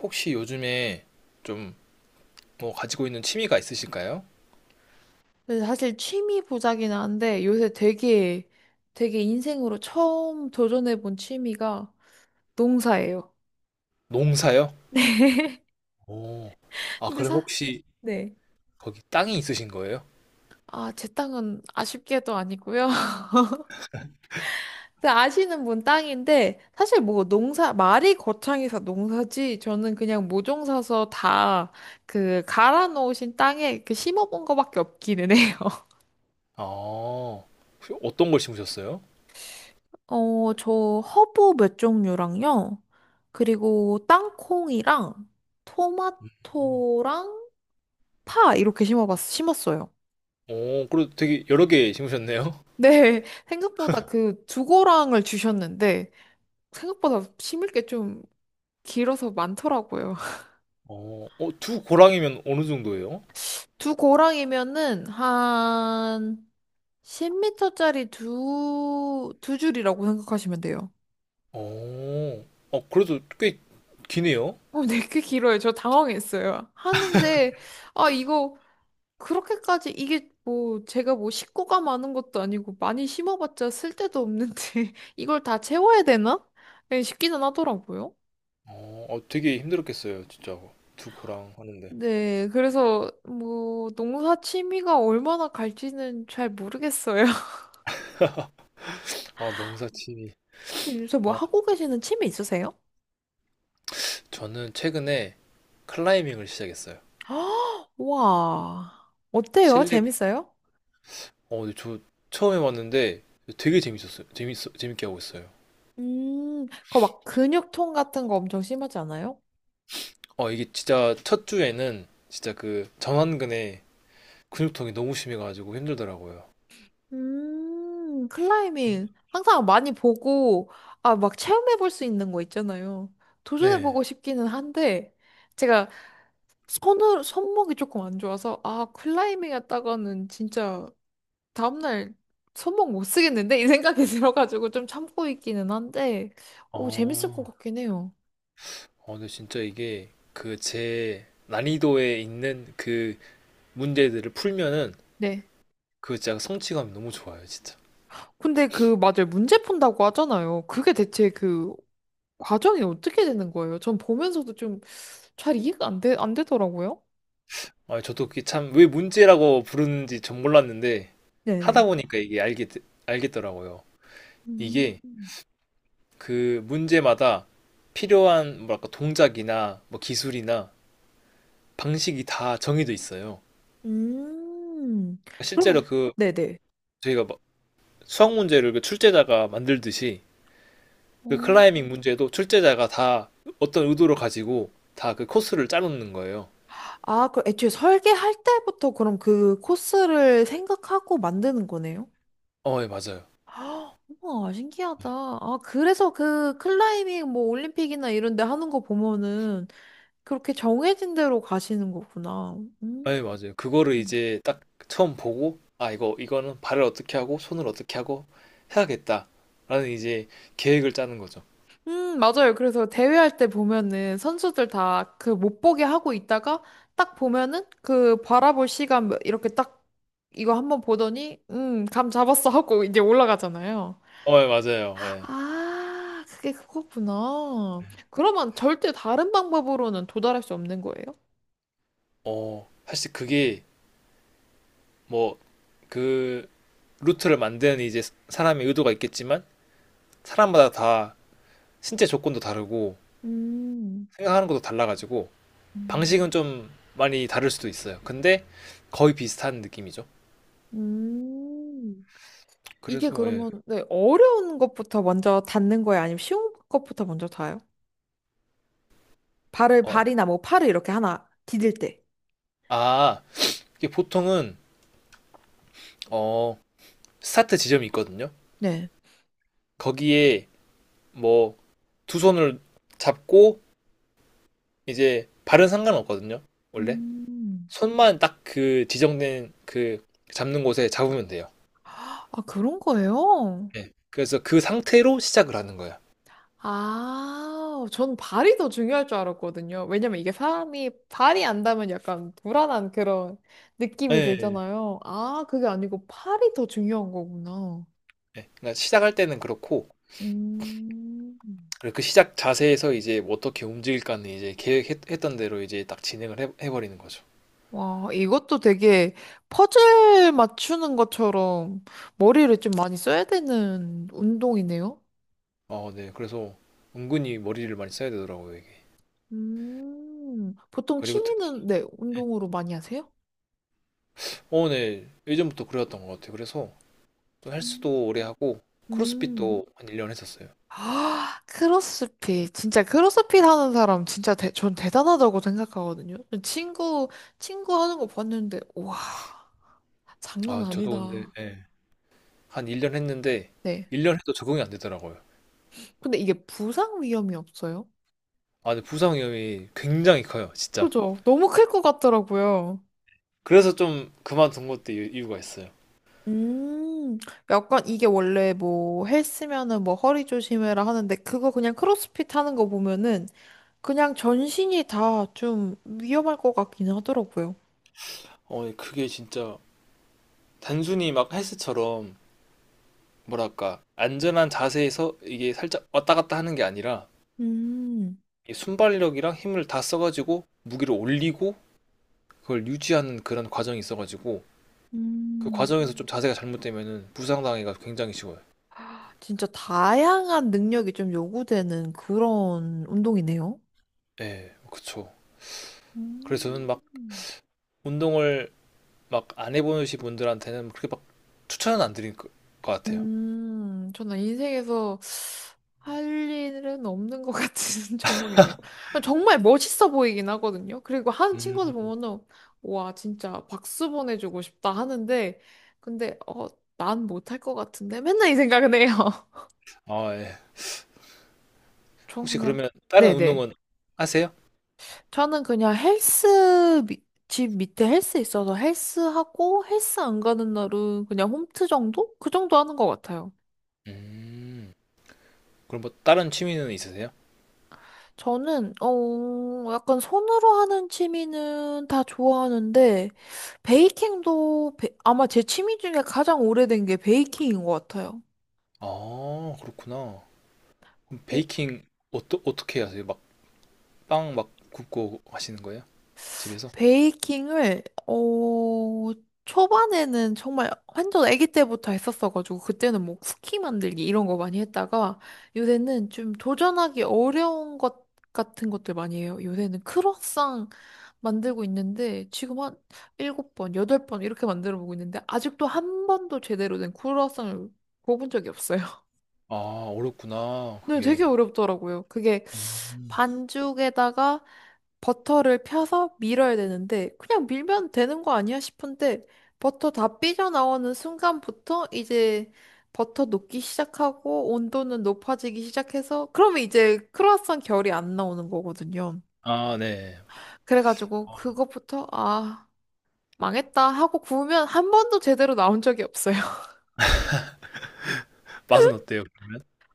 혹시 요즘에 좀 뭐 가지고 있는 취미가 있으실까요? 근데 사실 취미 보자긴 한데 요새 되게 되게 인생으로 처음 도전해본 취미가 농사예요. 농사요? 네. 오. 아, 근데 그럼 사, 혹시 네. 거기 땅이 있으신 거예요? 아, 제 땅은 아쉽게도 아니고요. 근데 아시는 분 땅인데 사실 뭐 농사 말이 거창해서 농사지 저는 그냥 모종 사서 다 그 갈아 놓으신 땅에 그 심어본 거밖에 없기는 해요. 아, 혹시 어떤 걸 심으셨어요? 어, 저 허브 몇 종류랑요. 그리고 땅콩이랑 토마토랑 파 이렇게 심었어요. 오, 그래도 되게 여러 개 심으셨네요. 네, 생각보다 그 두고랑을 주셨는데 생각보다 심을 게 좀 길어서 많더라고요. 어, 어, 두 고랑이면 어느 정도예요? 두 고랑이면은 한 10m짜리 두 줄이라고 생각하시면 돼요. 어, 어, 그래도 꽤 기네요. 어, 네, 꽤 길어요. 저 당황했어요. 하는데, 아, 이거 그렇게까지 이게 뭐 제가 뭐 식구가 많은 것도 아니고 많이 심어봤자 쓸데도 없는데 이걸 다 채워야 되나? 예, 싶기는 하더라고요. 어, 어, 되게 힘들었겠어요, 진짜. 두 고랑 하는데. 네, 그래서 뭐 농사 취미가 얼마나 갈지는 잘 모르겠어요. 아, 농사 취미. 요새 뭐 아, 하고 계시는 취미 있으세요? 저는 최근에 클라이밍을 시작했어요. 와, 어때요? 실내 재밌어요? 어, 근데 저 처음에 봤는데 되게 재밌었어요. 재밌어, 재밌게 하고 있어요. 그막 근육통 같은 거 엄청 심하지 않아요? 어, 이게 진짜 첫 주에는 진짜 그 전완근에 근육통이 너무 심해가지고 힘들더라고요. 클라이밍. 항상 많이 보고, 아, 막 체험해볼 수 있는 거 있잖아요. 네. 도전해보고 싶기는 한데, 제가 손목이 조금 안 좋아서, 아, 클라이밍 했다가는 진짜 다음날 손목 못 쓰겠는데? 이 생각이 들어가지고 좀 참고 있기는 한데, 오, 재밌을 것 어, 같긴 해요. 어, 근데 진짜 이게 그 제 난이도에 있는 그 문제들을 풀면은 네. 그 진짜 성취감이 너무 좋아요, 진짜. 근데 그, 맞아요. 문제 푼다고 하잖아요. 그게 대체 그 과정이 어떻게 되는 거예요? 전 보면서도 좀 잘 이해가 안 되더라고요. 아, 저도 그게 참 왜 문제라고 부르는지 전 몰랐는데 네네. 하다 보니까 알겠더라고요. 음. 이게 그 문제마다 필요한 뭐랄까 동작이나 뭐 기술이나 방식이 다 정해져 있어요. 음. 그럼, 실제로 그 네네. 저희가 막 수학 문제를 그 출제자가 만들듯이 그 어. 클라이밍 문제도 출제자가 다 어떤 의도를 가지고 다 그 코스를 짜놓는 거예요. 아, 그럼 애초에 설계할 때부터 그럼 그 코스를 생각하고 만드는 거네요? 어, 예, 맞아요. 아, 우와, 네. 신기하다. 아, 그래서 그 클라이밍 뭐 올림픽이나 이런 데 하는 거 보면은 그렇게 정해진 대로 가시는 거구나. 음. 예, 맞아요. 그거를 이제 딱 처음 보고 아, 이거는 발을 어떻게 하고 손을 어떻게 하고 해야겠다라는 이제 계획을 짜는 거죠. 맞아요. 그래서 대회할 때 보면은 선수들 다 그 못 보게 하고 있다가 딱 보면은 그 바라볼 시간 뭐 이렇게 딱 이거 한번 보더니 감 잡았어 하고 이제 올라가잖아요. 어, 예, 맞아요. 예. 아, 그게 그거구나. 그러면 절대 다른 방법으로는 도달할 수 없는 거예요? 어, 사실 그게 뭐 그 루트를 만드는 이제 사람의 의도가 있겠지만 사람마다 다 신체 조건도 다르고 음, 생각하는 것도 달라가지고 방식은 음, 좀 많이 다를 수도 있어요. 근데 거의 비슷한 느낌이죠. 음. 이게 그래서 예. 그러면 네, 어려운 것부터 먼저 닿는 거예요? 아니면 쉬운 것부터 먼저 닿아요? 발을 어, 발이나 뭐 팔을 이렇게 하나 디딜 때. 아, 이게 보통은 어, 스타트 지점이 있거든요. 네. 거기에 뭐 두 손을 잡고 이제 발은 상관없거든요. 원래 음. 손만 딱 그 지정된 그 잡는 곳에 잡으면 돼요. 아, 그런 거예요? 예. 그래서 그 상태로 시작을 하는 거예요. 아, 전 발이 더 중요할 줄 알았거든요. 왜냐면 이게 사람이 발이 안 닿으면 약간 불안한 그런 느낌이 예. 예. 들잖아요. 아, 그게 아니고 팔이 더 중요한 거구나. 예. 그러니까 시작할 때는 그렇고 음. 그리고 그 시작 자세에서 이제 뭐 어떻게 움직일까는 이제 계획했던 대로 이제 딱 해버리는 거죠. 와, 이것도 되게 퍼즐 맞추는 것처럼 머리를 좀 많이 써야 되는 운동이네요. 어, 네. 그래서 은근히 머리를 많이 써야 되더라고요, 이게. 음. 보통 그리고 특, 취미는, 네, 운동으로 많이 하세요? 어, 네. 예전부터 그래왔던 것 같아요. 그래서 좀 음. 헬스도 오래 하고 음. 크로스핏도 한 1년 했었어요. 아, 크로스핏. 진짜 크로스핏 하는 사람 진짜 전 대단하다고 생각하거든요. 친구, 친구 하는 거 봤는데, 와, 장난 아, 저도 근데 아니다. 예. 한 1년 했는데 네. 1년 해도 적응이 안 되더라고요. 근데 이게 부상 위험이 없어요? 아, 근데 부상 위험이 굉장히 커요, 진짜. 그죠? 너무 클 것 같더라고요. 그래서 좀 그만둔 것도 이유가 있어요. 음, 약간 이게 원래 뭐 헬스면은 뭐 허리 조심해라 하는데 그거 그냥 크로스핏 하는 거 보면은 그냥 전신이 다 좀 위험할 것 같긴 하더라고요. 어, 예 그게 진짜 단순히 막 헬스처럼 뭐랄까 안전한 자세에서 이게 살짝 왔다 갔다 하는 게 아니라 음, 순발력이랑 힘을 다 써가지고 무기를 올리고 그걸 유지하는 그런 과정이 있어가지고 그 음. 과정에서 좀 자세가 잘못되면은 부상당해가 굉장히 쉬워요. 진짜 다양한 능력이 좀 요구되는 그런 운동이네요. 예, 그쵸. 그래서 저는 막 음. 운동을 막 안 해보신 분들한테는 그렇게 막 추천은 안 드릴 것 같아요. 저는 인생에서 할 일은 없는 것 같은 종목이네요. 정말 멋있어 보이긴 하거든요. 그리고 하는 음. 친구들 보면은, 와, 진짜 박수 보내주고 싶다 하는데, 근데, 어, 난 못할 것 같은데? 맨날 이 생각은 해요. 아, 예. 전 혹시 그냥, 그러면 다른 네네. 운동은 하세요? 저는 그냥 집 밑에 헬스 있어서 헬스하고 헬스 안 가는 날은 그냥 홈트 정도? 그 정도 하는 것 같아요. 음. 그럼 뭐 다른 취미는 있으세요? 저는 어 약간 손으로 하는 취미는 다 좋아하는데 아마 제 취미 중에 가장 오래된 게 베이킹인 것 같아요. 아, 그렇구나. 그럼 베이킹 어떻게 하세요? 막 빵 막 굽고 하시는 거예요? 집에서? 베이킹을 어 초반에는 정말 완전 아기 때부터 했었어가지고 그때는 뭐 쿠키 만들기 이런 거 많이 했다가 요새는 좀 도전하기 어려운 것 같은 것들 많이 해요. 요새는 크로상 만들고 있는데 지금 한 일곱 번, 여덟 번 이렇게 만들어 보고 있는데 아직도 한 번도 제대로 된 크로상을 구워본 적이 없어요. 아, 어렵구나. 네, 그게. 되게 어렵더라고요. 그게 음. 반죽에다가 버터를 펴서 밀어야 되는데 그냥 밀면 되는 거 아니야 싶은데 버터 다 삐져나오는 순간부터 이제 버터 녹기 시작하고 온도는 높아지기 시작해서 그러면 이제 크루아상 결이 안 나오는 거거든요. 아, 네. 그래가지고 그것부터 아 망했다 하고 구우면 한 번도 제대로 나온 적이 없어요. 맛은 어때요?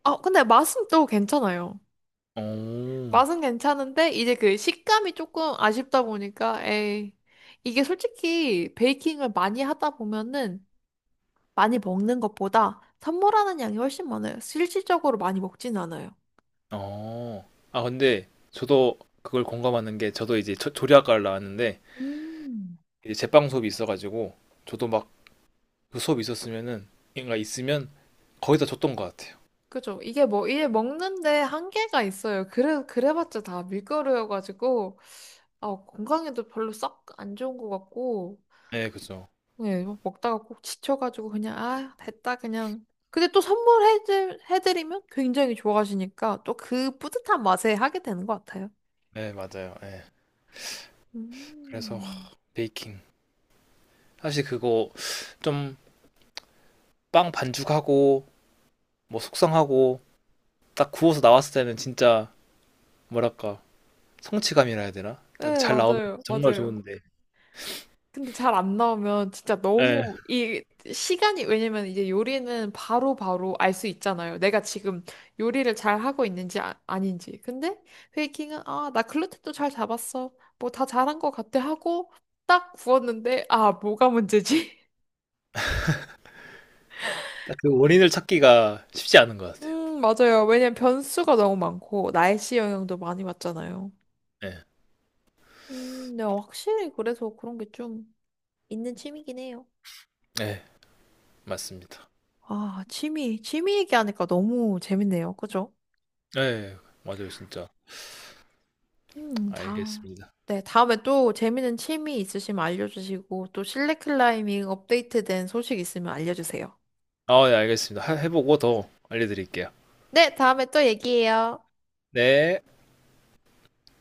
아 근데 맛은 또 괜찮아요. 오, 맛은 괜찮은데 이제 그 식감이 조금 아쉽다 보니까 에이 이게 솔직히 베이킹을 많이 하다 보면은 많이 먹는 것보다 선물하는 양이 훨씬 많아요. 실질적으로 많이 먹진 않아요. 어. 아, 근데 저도 그걸 공감하는 게 저도 이제 조리학과를 나왔는데 음. 이제 제빵 수업이 있어가지고 저도 막 그 수업이 있었으면은 뭔가 있으면 거의 다 줬던 것 같아요. 그죠? 이게 뭐 이게 먹는데 한계가 있어요. 그래 그래봤자 다 밀가루여가지고 아, 건강에도 별로 썩 안 좋은 것 같고 네, 그죠. 네, 막 먹다가 꼭 지쳐가지고 그냥 아 됐다 그냥. 근데 또 선물해 해드리면 굉장히 좋아하시니까 또 그 뿌듯한 맛에 하게 되는 것 같아요. 네, 맞아요. 네. 그래서 음. 하, 베이킹. 사실 그거 좀 빵 반죽하고 뭐 숙성하고 딱 구워서 나왔을 때는 진짜 뭐랄까 성취감이라 해야 되나? 딱 네, 잘 나오면 맞아요, 정말 맞아요. 좋은데 근데 잘 안 나오면 진짜 예, 너무 이 시간이 왜냐면 이제 요리는 바로바로 알 수 있잖아요. 내가 지금 요리를 잘 하고 있는지 아닌지. 근데 베이킹은 아, 나 글루텐도 잘 잡았어. 뭐 다 잘한 것 같아 하고 딱 구웠는데 아, 뭐가 문제지? 딱 그 원인을 찾기가 쉽지 않은 것 같아요. 맞아요. 왜냐면 변수가 너무 많고, 날씨 영향도 많이 받잖아요. 예, 네, 확실히 그래서 그런 게 좀 있는 취미긴 해요. 예, 맞습니다. 아, 취미, 취미 얘기하니까 너무 재밌네요. 그죠? 예, 맞아요, 진짜. 다, 알겠습니다. 네, 다음에 또 재밌는 취미 있으시면 알려주시고, 또 실내 클라이밍 업데이트된 소식 있으면 알려주세요. 아, 네 알겠습니다. 해보고 더 알려드릴게요. 네, 다음에 또 얘기해요. 네.